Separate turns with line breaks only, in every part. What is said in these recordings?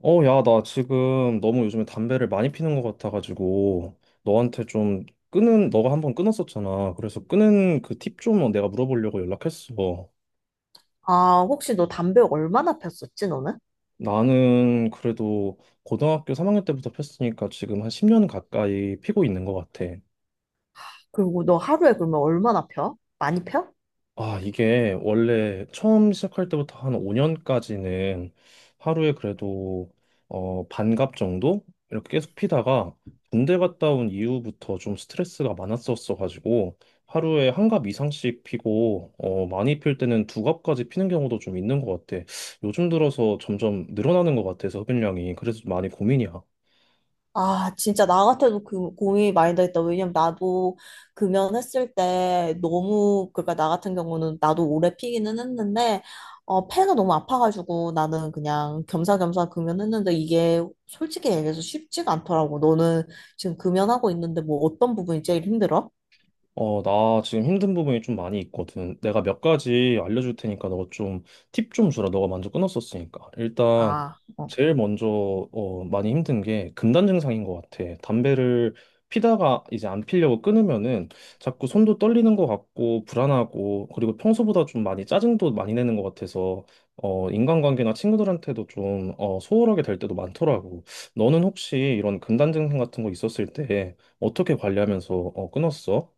야, 나 지금 너무 요즘에 담배를 많이 피는 것 같아가지고, 너가 한번 끊었었잖아. 그래서 끊은 그 팁 좀 내가 물어보려고 연락했어.
아, 혹시 너 담배 얼마나 폈었지, 너는?
나는 그래도 고등학교 3학년 때부터 폈으니까 지금 한 10년 가까이 피고 있는 것 같아.
그리고 너 하루에 그러면 얼마나 펴? 많이 펴?
아, 이게 원래 처음 시작할 때부터 한 5년까지는 하루에 그래도 반갑 정도? 이렇게 계속 피다가 군대 갔다 온 이후부터 좀 스트레스가 많았었어가지고 하루에 한갑 이상씩 피고 많이 필 때는 두 갑까지 피는 경우도 좀 있는 것 같아. 요즘 들어서 점점 늘어나는 것 같아서 흡연량이. 그래서 많이 고민이야.
아, 진짜 나 같아도 그 고민이 많이 되겠다. 왜냐면 나도 금연했을 때 너무, 그러니까 나 같은 경우는 나도 오래 피기는 했는데, 폐가 너무 아파가지고 나는 그냥 겸사겸사 금연했는데 이게 솔직히 얘기해서 쉽지가 않더라고. 너는 지금 금연하고 있는데 뭐 어떤 부분이 제일 힘들어?
나 지금 힘든 부분이 좀 많이 있거든. 내가 몇 가지 알려줄 테니까 너가 좀 팁 좀 주라. 너가 먼저 끊었었으니까. 일단
아, 어.
제일 먼저 많이 힘든 게 금단 증상인 것 같아. 담배를 피다가 이제 안 피려고 끊으면은 자꾸 손도 떨리는 것 같고 불안하고 그리고 평소보다 좀 많이 짜증도 많이 내는 것 같아서 인간관계나 친구들한테도 좀 소홀하게 될 때도 많더라고. 너는 혹시 이런 금단 증상 같은 거 있었을 때 어떻게 관리하면서 끊었어?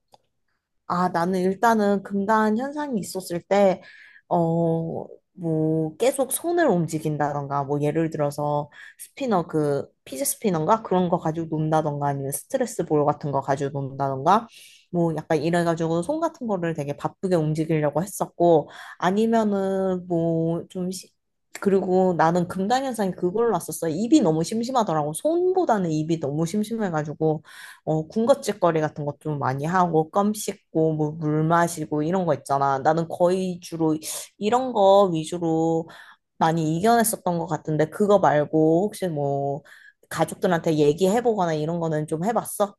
아, 나는 일단은 금단 현상이 있었을 때, 어, 뭐, 계속 손을 움직인다던가, 뭐, 예를 들어서 스피너, 그, 피지 스피너인가? 그런 거 가지고 논다던가, 아니면 스트레스 볼 같은 거 가지고 논다던가, 뭐, 약간 이래가지고 손 같은 거를 되게 바쁘게 움직이려고 했었고, 아니면은 뭐, 좀, 그리고 나는 금단 현상이 그걸로 왔었어. 입이 너무 심심하더라고. 손보다는 입이 너무 심심해가지고. 군것질거리 같은 것 좀 많이 하고, 껌 씹고, 뭐, 물 마시고, 이런 거 있잖아. 나는 거의 주로 이런 거 위주로 많이 이겨냈었던 것 같은데, 그거 말고, 혹시 뭐, 가족들한테 얘기해보거나 이런 거는 좀 해봤어?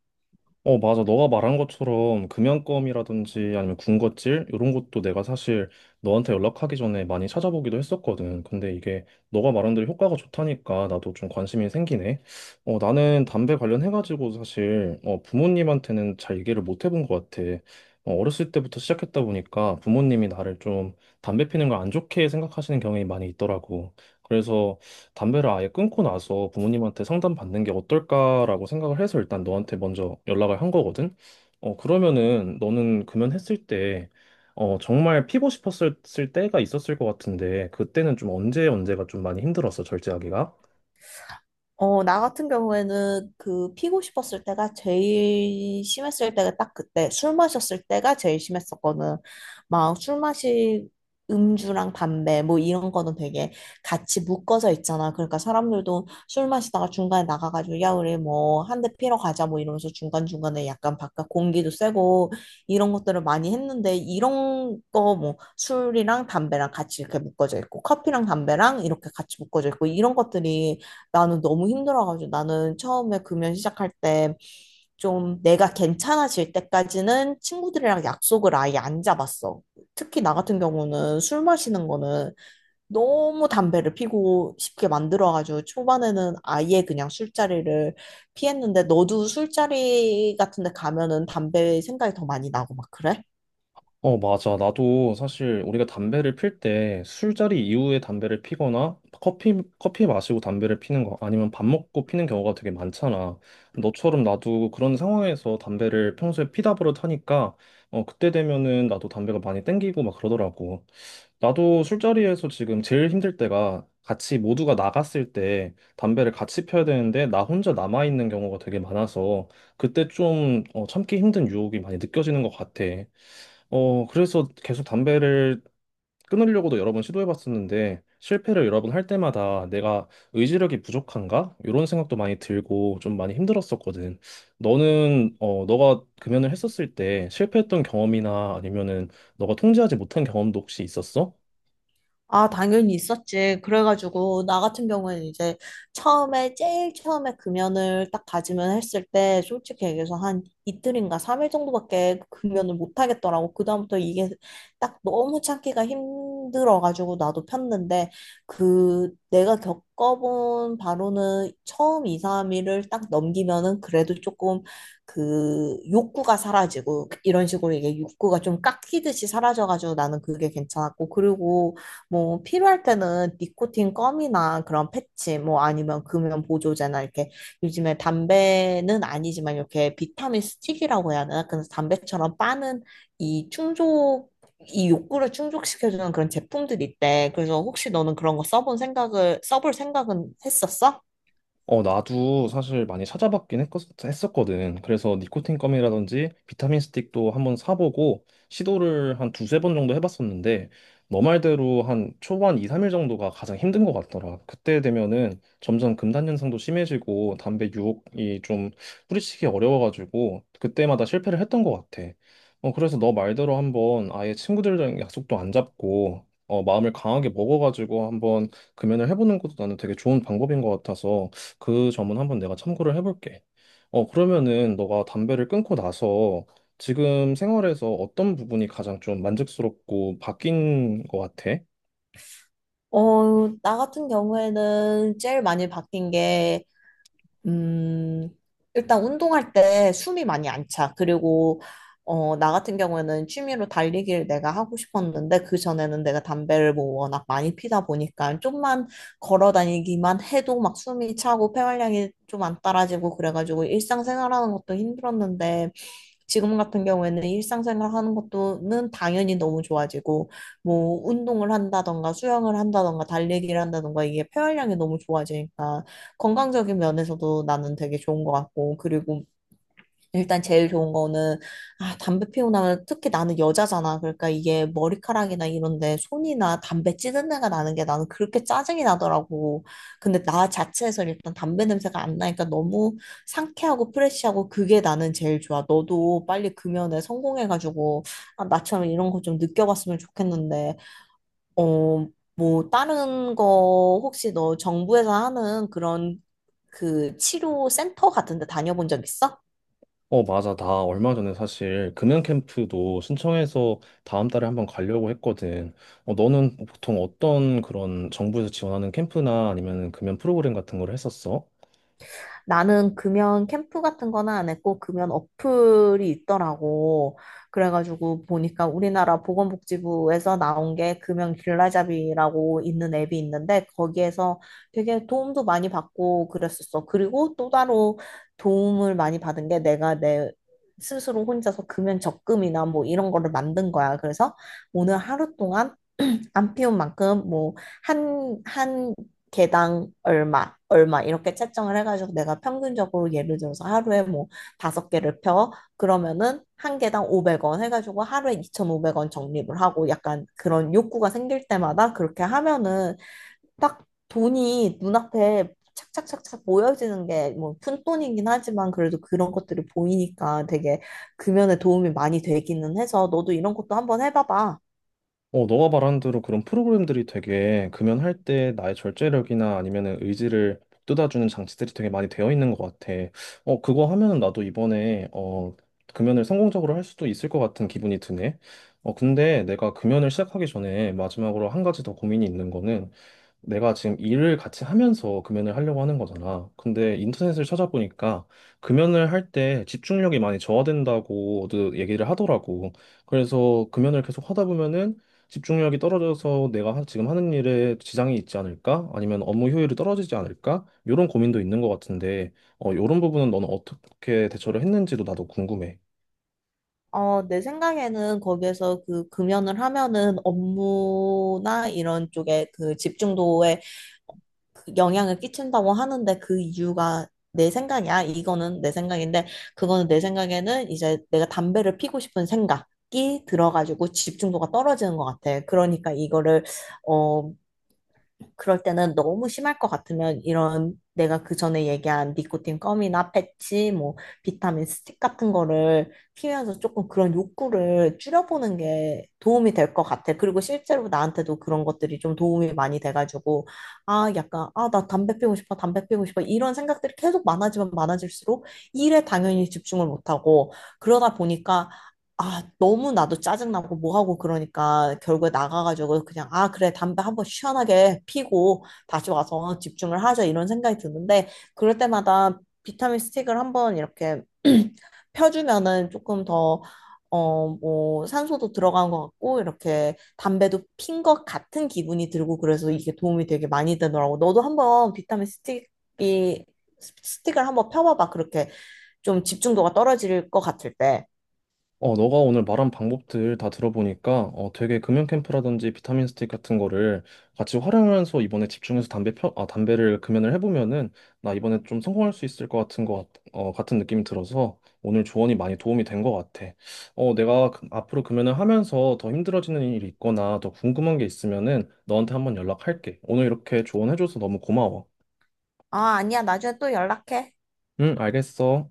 맞아. 너가 말한 것처럼 금연검이라든지 아니면 군것질 이런 것도 내가 사실 너한테 연락하기 전에 많이 찾아보기도 했었거든. 근데 이게 너가 말한 대로 효과가 좋다니까 나도 좀 관심이 생기네. 나는 담배 관련해가지고 사실 부모님한테는 잘 얘기를 못 해본 것 같아. 어렸을 때부터 시작했다 보니까 부모님이 나를 좀 담배 피는 걸 안 좋게 생각하시는 경향이 많이 있더라고. 그래서 담배를 아예 끊고 나서 부모님한테 상담받는 게 어떨까라고 생각을 해서 일단 너한테 먼저 연락을 한 거거든. 그러면은 너는 금연했을 때, 정말 피고 싶었을 때가 있었을 것 같은데, 그때는 좀 언제 언제가 좀 많이 힘들었어, 절제하기가?
나 같은 경우에는 그 피고 싶었을 때가 제일 심했을 때가 딱 그때 술 마셨을 때가 제일 심했었거든. 막 술 마시 음주랑 담배 뭐 이런 거는 되게 같이 묶어져 있잖아. 그러니까 사람들도 술 마시다가 중간에 나가가지고 야 우리 뭐 한 대 피러 가자 뭐 이러면서 중간중간에 약간 바깥 공기도 쐬고 이런 것들을 많이 했는데 이런 거 뭐 술이랑 담배랑 같이 이렇게 묶어져 있고 커피랑 담배랑 이렇게 같이 묶어져 있고 이런 것들이 나는 너무 힘들어가지고 나는 처음에 금연 시작할 때 좀 내가 괜찮아질 때까지는 친구들이랑 약속을 아예 안 잡았어. 특히 나 같은 경우는 술 마시는 거는 너무 담배를 피고 싶게 만들어가지고 초반에는 아예 그냥 술자리를 피했는데 너도 술자리 같은 데 가면은 담배 생각이 더 많이 나고 막 그래?
맞아. 나도 사실 우리가 담배를 필 때 술자리 이후에 담배를 피거나 커피 마시고 담배를 피는 거 아니면 밥 먹고 피는 경우가 되게 많잖아. 너처럼 나도 그런 상황에서 담배를 평소에 피다 버릇하니까 그때 되면은 나도 담배가 많이 땡기고 막 그러더라고. 나도 술자리에서 지금 제일 힘들 때가 같이 모두가 나갔을 때 담배를 같이 펴야 되는데 나 혼자 남아 있는 경우가 되게 많아서 그때 좀 참기 힘든 유혹이 많이 느껴지는 것 같아. 그래서 계속 담배를 끊으려고도 여러 번 시도해봤었는데 실패를 여러 번 할 때마다 내가 의지력이 부족한가? 이런 생각도 많이 들고 좀 많이 힘들었었거든. 너는 너가 금연을 했었을 때 실패했던 경험이나 아니면은 너가 통제하지 못한 경험도 혹시 있었어?
아, 당연히 있었지. 그래가지고, 나 같은 경우에는 이제 처음에, 제일 처음에 금연을 딱 다짐을 했을 때, 솔직히 얘기해서 한 이틀인가 삼일 정도밖에 금연을 못 하겠더라고. 그다음부터 이게 딱 너무 참기가 힘들어가지고, 나도 폈는데, 그, 내가 겪어본 바로는 처음 이삼일을딱 넘기면은 그래도 조금 그 욕구가 사라지고, 이런 식으로 이게 욕구가 좀 깎이듯이 사라져가지고 나는 그게 괜찮았고, 그리고 뭐 필요할 때는 니코틴 껌이나 그런 패치 뭐 아니면 금연 보조제나 이렇게 요즘에 담배는 아니지만 이렇게 비타민 스틱이라고 해야 되나? 그래서 담배처럼 빠는 이 충족 이 욕구를 충족시켜주는 그런 제품들이 있대. 그래서 혹시 너는 그런 거 써본 생각을 써볼 생각은 했었어?
나도 사실 많이 찾아봤긴 했었거든. 그래서 니코틴 껌이라든지 비타민 스틱도 한번 사보고 시도를 한 두세 번 정도 해봤었는데 너 말대로 한 초반 2, 3일 정도가 가장 힘든 것 같더라. 그때 되면은 점점 금단 현상도 심해지고 담배 유혹이 좀 뿌리치기 어려워가지고 그때마다 실패를 했던 것 같아. 그래서 너 말대로 한번 아예 친구들이랑 약속도 안 잡고 마음을 강하게 먹어가지고 한번 금연을 해보는 것도 나는 되게 좋은 방법인 것 같아서 그 점은 한번 내가 참고를 해볼게. 그러면은 너가 담배를 끊고 나서 지금 생활에서 어떤 부분이 가장 좀 만족스럽고 바뀐 것 같아?
나 같은 경우에는 제일 많이 바뀐 게 음, 일단 운동할 때 숨이 많이 안 차. 그리고, 나 같은 경우에는 취미로 달리기를 내가 하고 싶었는데, 그전에는 내가 담배를 뭐 워낙 많이 피다 보니까, 좀만 걸어 다니기만 해도 막 숨이 차고, 폐활량이 좀 안 따라지고, 그래가지고 일상생활 하는 것도 힘들었는데, 지금 같은 경우에는 일상생활 하는 것도는 당연히 너무 좋아지고, 뭐 운동을 한다던가, 수영을 한다던가, 달리기를 한다던가, 이게 폐활량이 너무 좋아지니까, 건강적인 면에서도 나는 되게 좋은 것 같고, 그리고 일단 제일 좋은 거는, 아, 담배 피우고 나면 특히 나는 여자잖아. 그러니까 이게 머리카락이나 이런데 손이나 담배 찌든 내가 나는 게 나는 그렇게 짜증이 나더라고. 근데 나 자체에서 일단 담배 냄새가 안 나니까 너무 상쾌하고 프레쉬하고 그게 나는 제일 좋아. 너도 빨리 그 면에 성공해가지고, 아, 나처럼 이런 거 좀 느껴봤으면 좋겠는데, 어, 뭐, 다른 거 혹시 너 정부에서 하는 그런 그 치료 센터 같은 데 다녀본 적 있어?
맞아. 나 얼마 전에 사실 금연 캠프도 신청해서 다음 달에 한번 가려고 했거든. 너는 보통 어떤 그런 정부에서 지원하는 캠프나 아니면 금연 프로그램 같은 걸 했었어?
나는 금연 캠프 같은 거는 안 했고 금연 어플이 있더라고. 그래가지고 보니까 우리나라 보건복지부에서 나온 게 금연 길라잡이라고 있는 앱이 있는데 거기에서 되게 도움도 많이 받고 그랬었어. 그리고 또 따로 도움을 많이 받은 게 내가 내 스스로 혼자서 금연 적금이나 뭐 이런 거를 만든 거야. 그래서 오늘 하루 동안 안 피운 만큼 뭐 한 개당 얼마 이렇게 채점을 해가지고 내가 평균적으로 예를 들어서 하루에 뭐 다섯 개를 펴 그러면은 한 개당 500원 해가지고 하루에 2,500원 적립을 하고 약간 그런 욕구가 생길 때마다 그렇게 하면은 딱 돈이 눈앞에 착착착착 모여지는 게 뭐 푼돈이긴 하지만 그래도 그런 것들이 보이니까 되게 금연에 도움이 많이 되기는 해서 너도 이런 것도 한번 해봐봐.
너가 말한 대로 그런 프로그램들이 되게 금연할 때 나의 절제력이나 아니면은 의지를 북돋아주는 장치들이 되게 많이 되어 있는 것 같아. 그거 하면은 나도 이번에 금연을 성공적으로 할 수도 있을 것 같은 기분이 드네. 근데 내가 금연을 시작하기 전에 마지막으로 한 가지 더 고민이 있는 거는 내가 지금 일을 같이 하면서 금연을 하려고 하는 거잖아. 근데 인터넷을 찾아보니까 금연을 할 때 집중력이 많이 저하된다고도 얘기를 하더라고. 그래서 금연을 계속 하다 보면은 집중력이 떨어져서 내가 지금 하는 일에 지장이 있지 않을까? 아니면 업무 효율이 떨어지지 않을까? 이런 고민도 있는 것 같은데, 이런 부분은 너는 어떻게 대처를 했는지도 나도 궁금해.
내 생각에는 거기에서 그 금연을 하면은 업무나 이런 쪽에 그 집중도에 그 영향을 끼친다고 하는데 그 이유가 내 생각이야. 이거는 내 생각인데 그거는 내 생각에는 이제 내가 담배를 피고 싶은 생각이 들어가지고 집중도가 떨어지는 것 같아. 그러니까 이거를 어, 그럴 때는 너무 심할 것 같으면 이런 내가 그 전에 얘기한 니코틴 껌이나 패치, 뭐 비타민 스틱 같은 거를 피면서 조금 그런 욕구를 줄여보는 게 도움이 될 것 같아. 그리고 실제로 나한테도 그런 것들이 좀 도움이 많이 돼가지고 아 약간 아 나 담배 피우고 싶어, 담배 피우고 싶어 이런 생각들이 계속 많아지면 많아질수록 일에 당연히 집중을 못하고 그러다 보니까 아, 너무 나도 짜증나고 뭐하고 그러니까 결국에 나가가지고 그냥 아, 그래, 담배 한번 시원하게 피고 다시 와서 집중을 하자 이런 생각이 드는데 그럴 때마다 비타민 스틱을 한번 이렇게 펴주면은 조금 더 뭐, 산소도 들어간 것 같고, 이렇게 담배도 핀 것 같은 기분이 들고, 그래서 이게 도움이 되게 많이 되더라고. 너도 한번 스틱을 한번 펴봐봐. 그렇게 좀 집중도가 떨어질 것 같을 때.
너가 오늘 말한 방법들 다 들어보니까 되게 금연 캠프라든지 비타민 스틱 같은 거를 같이 활용하면서 이번에 집중해서 담배를 금연을 해보면은 나 이번에 좀 성공할 수 있을 것 같은 것 같은 느낌이 들어서 오늘 조언이 많이 도움이 된 것 같아. 내가 앞으로 금연을 하면서 더 힘들어지는 일이 있거나 더 궁금한 게 있으면은 너한테 한번 연락할게. 오늘 이렇게 조언해줘서 너무 고마워.
아, 아니야. 나중에 또 연락해.
응, 알겠어.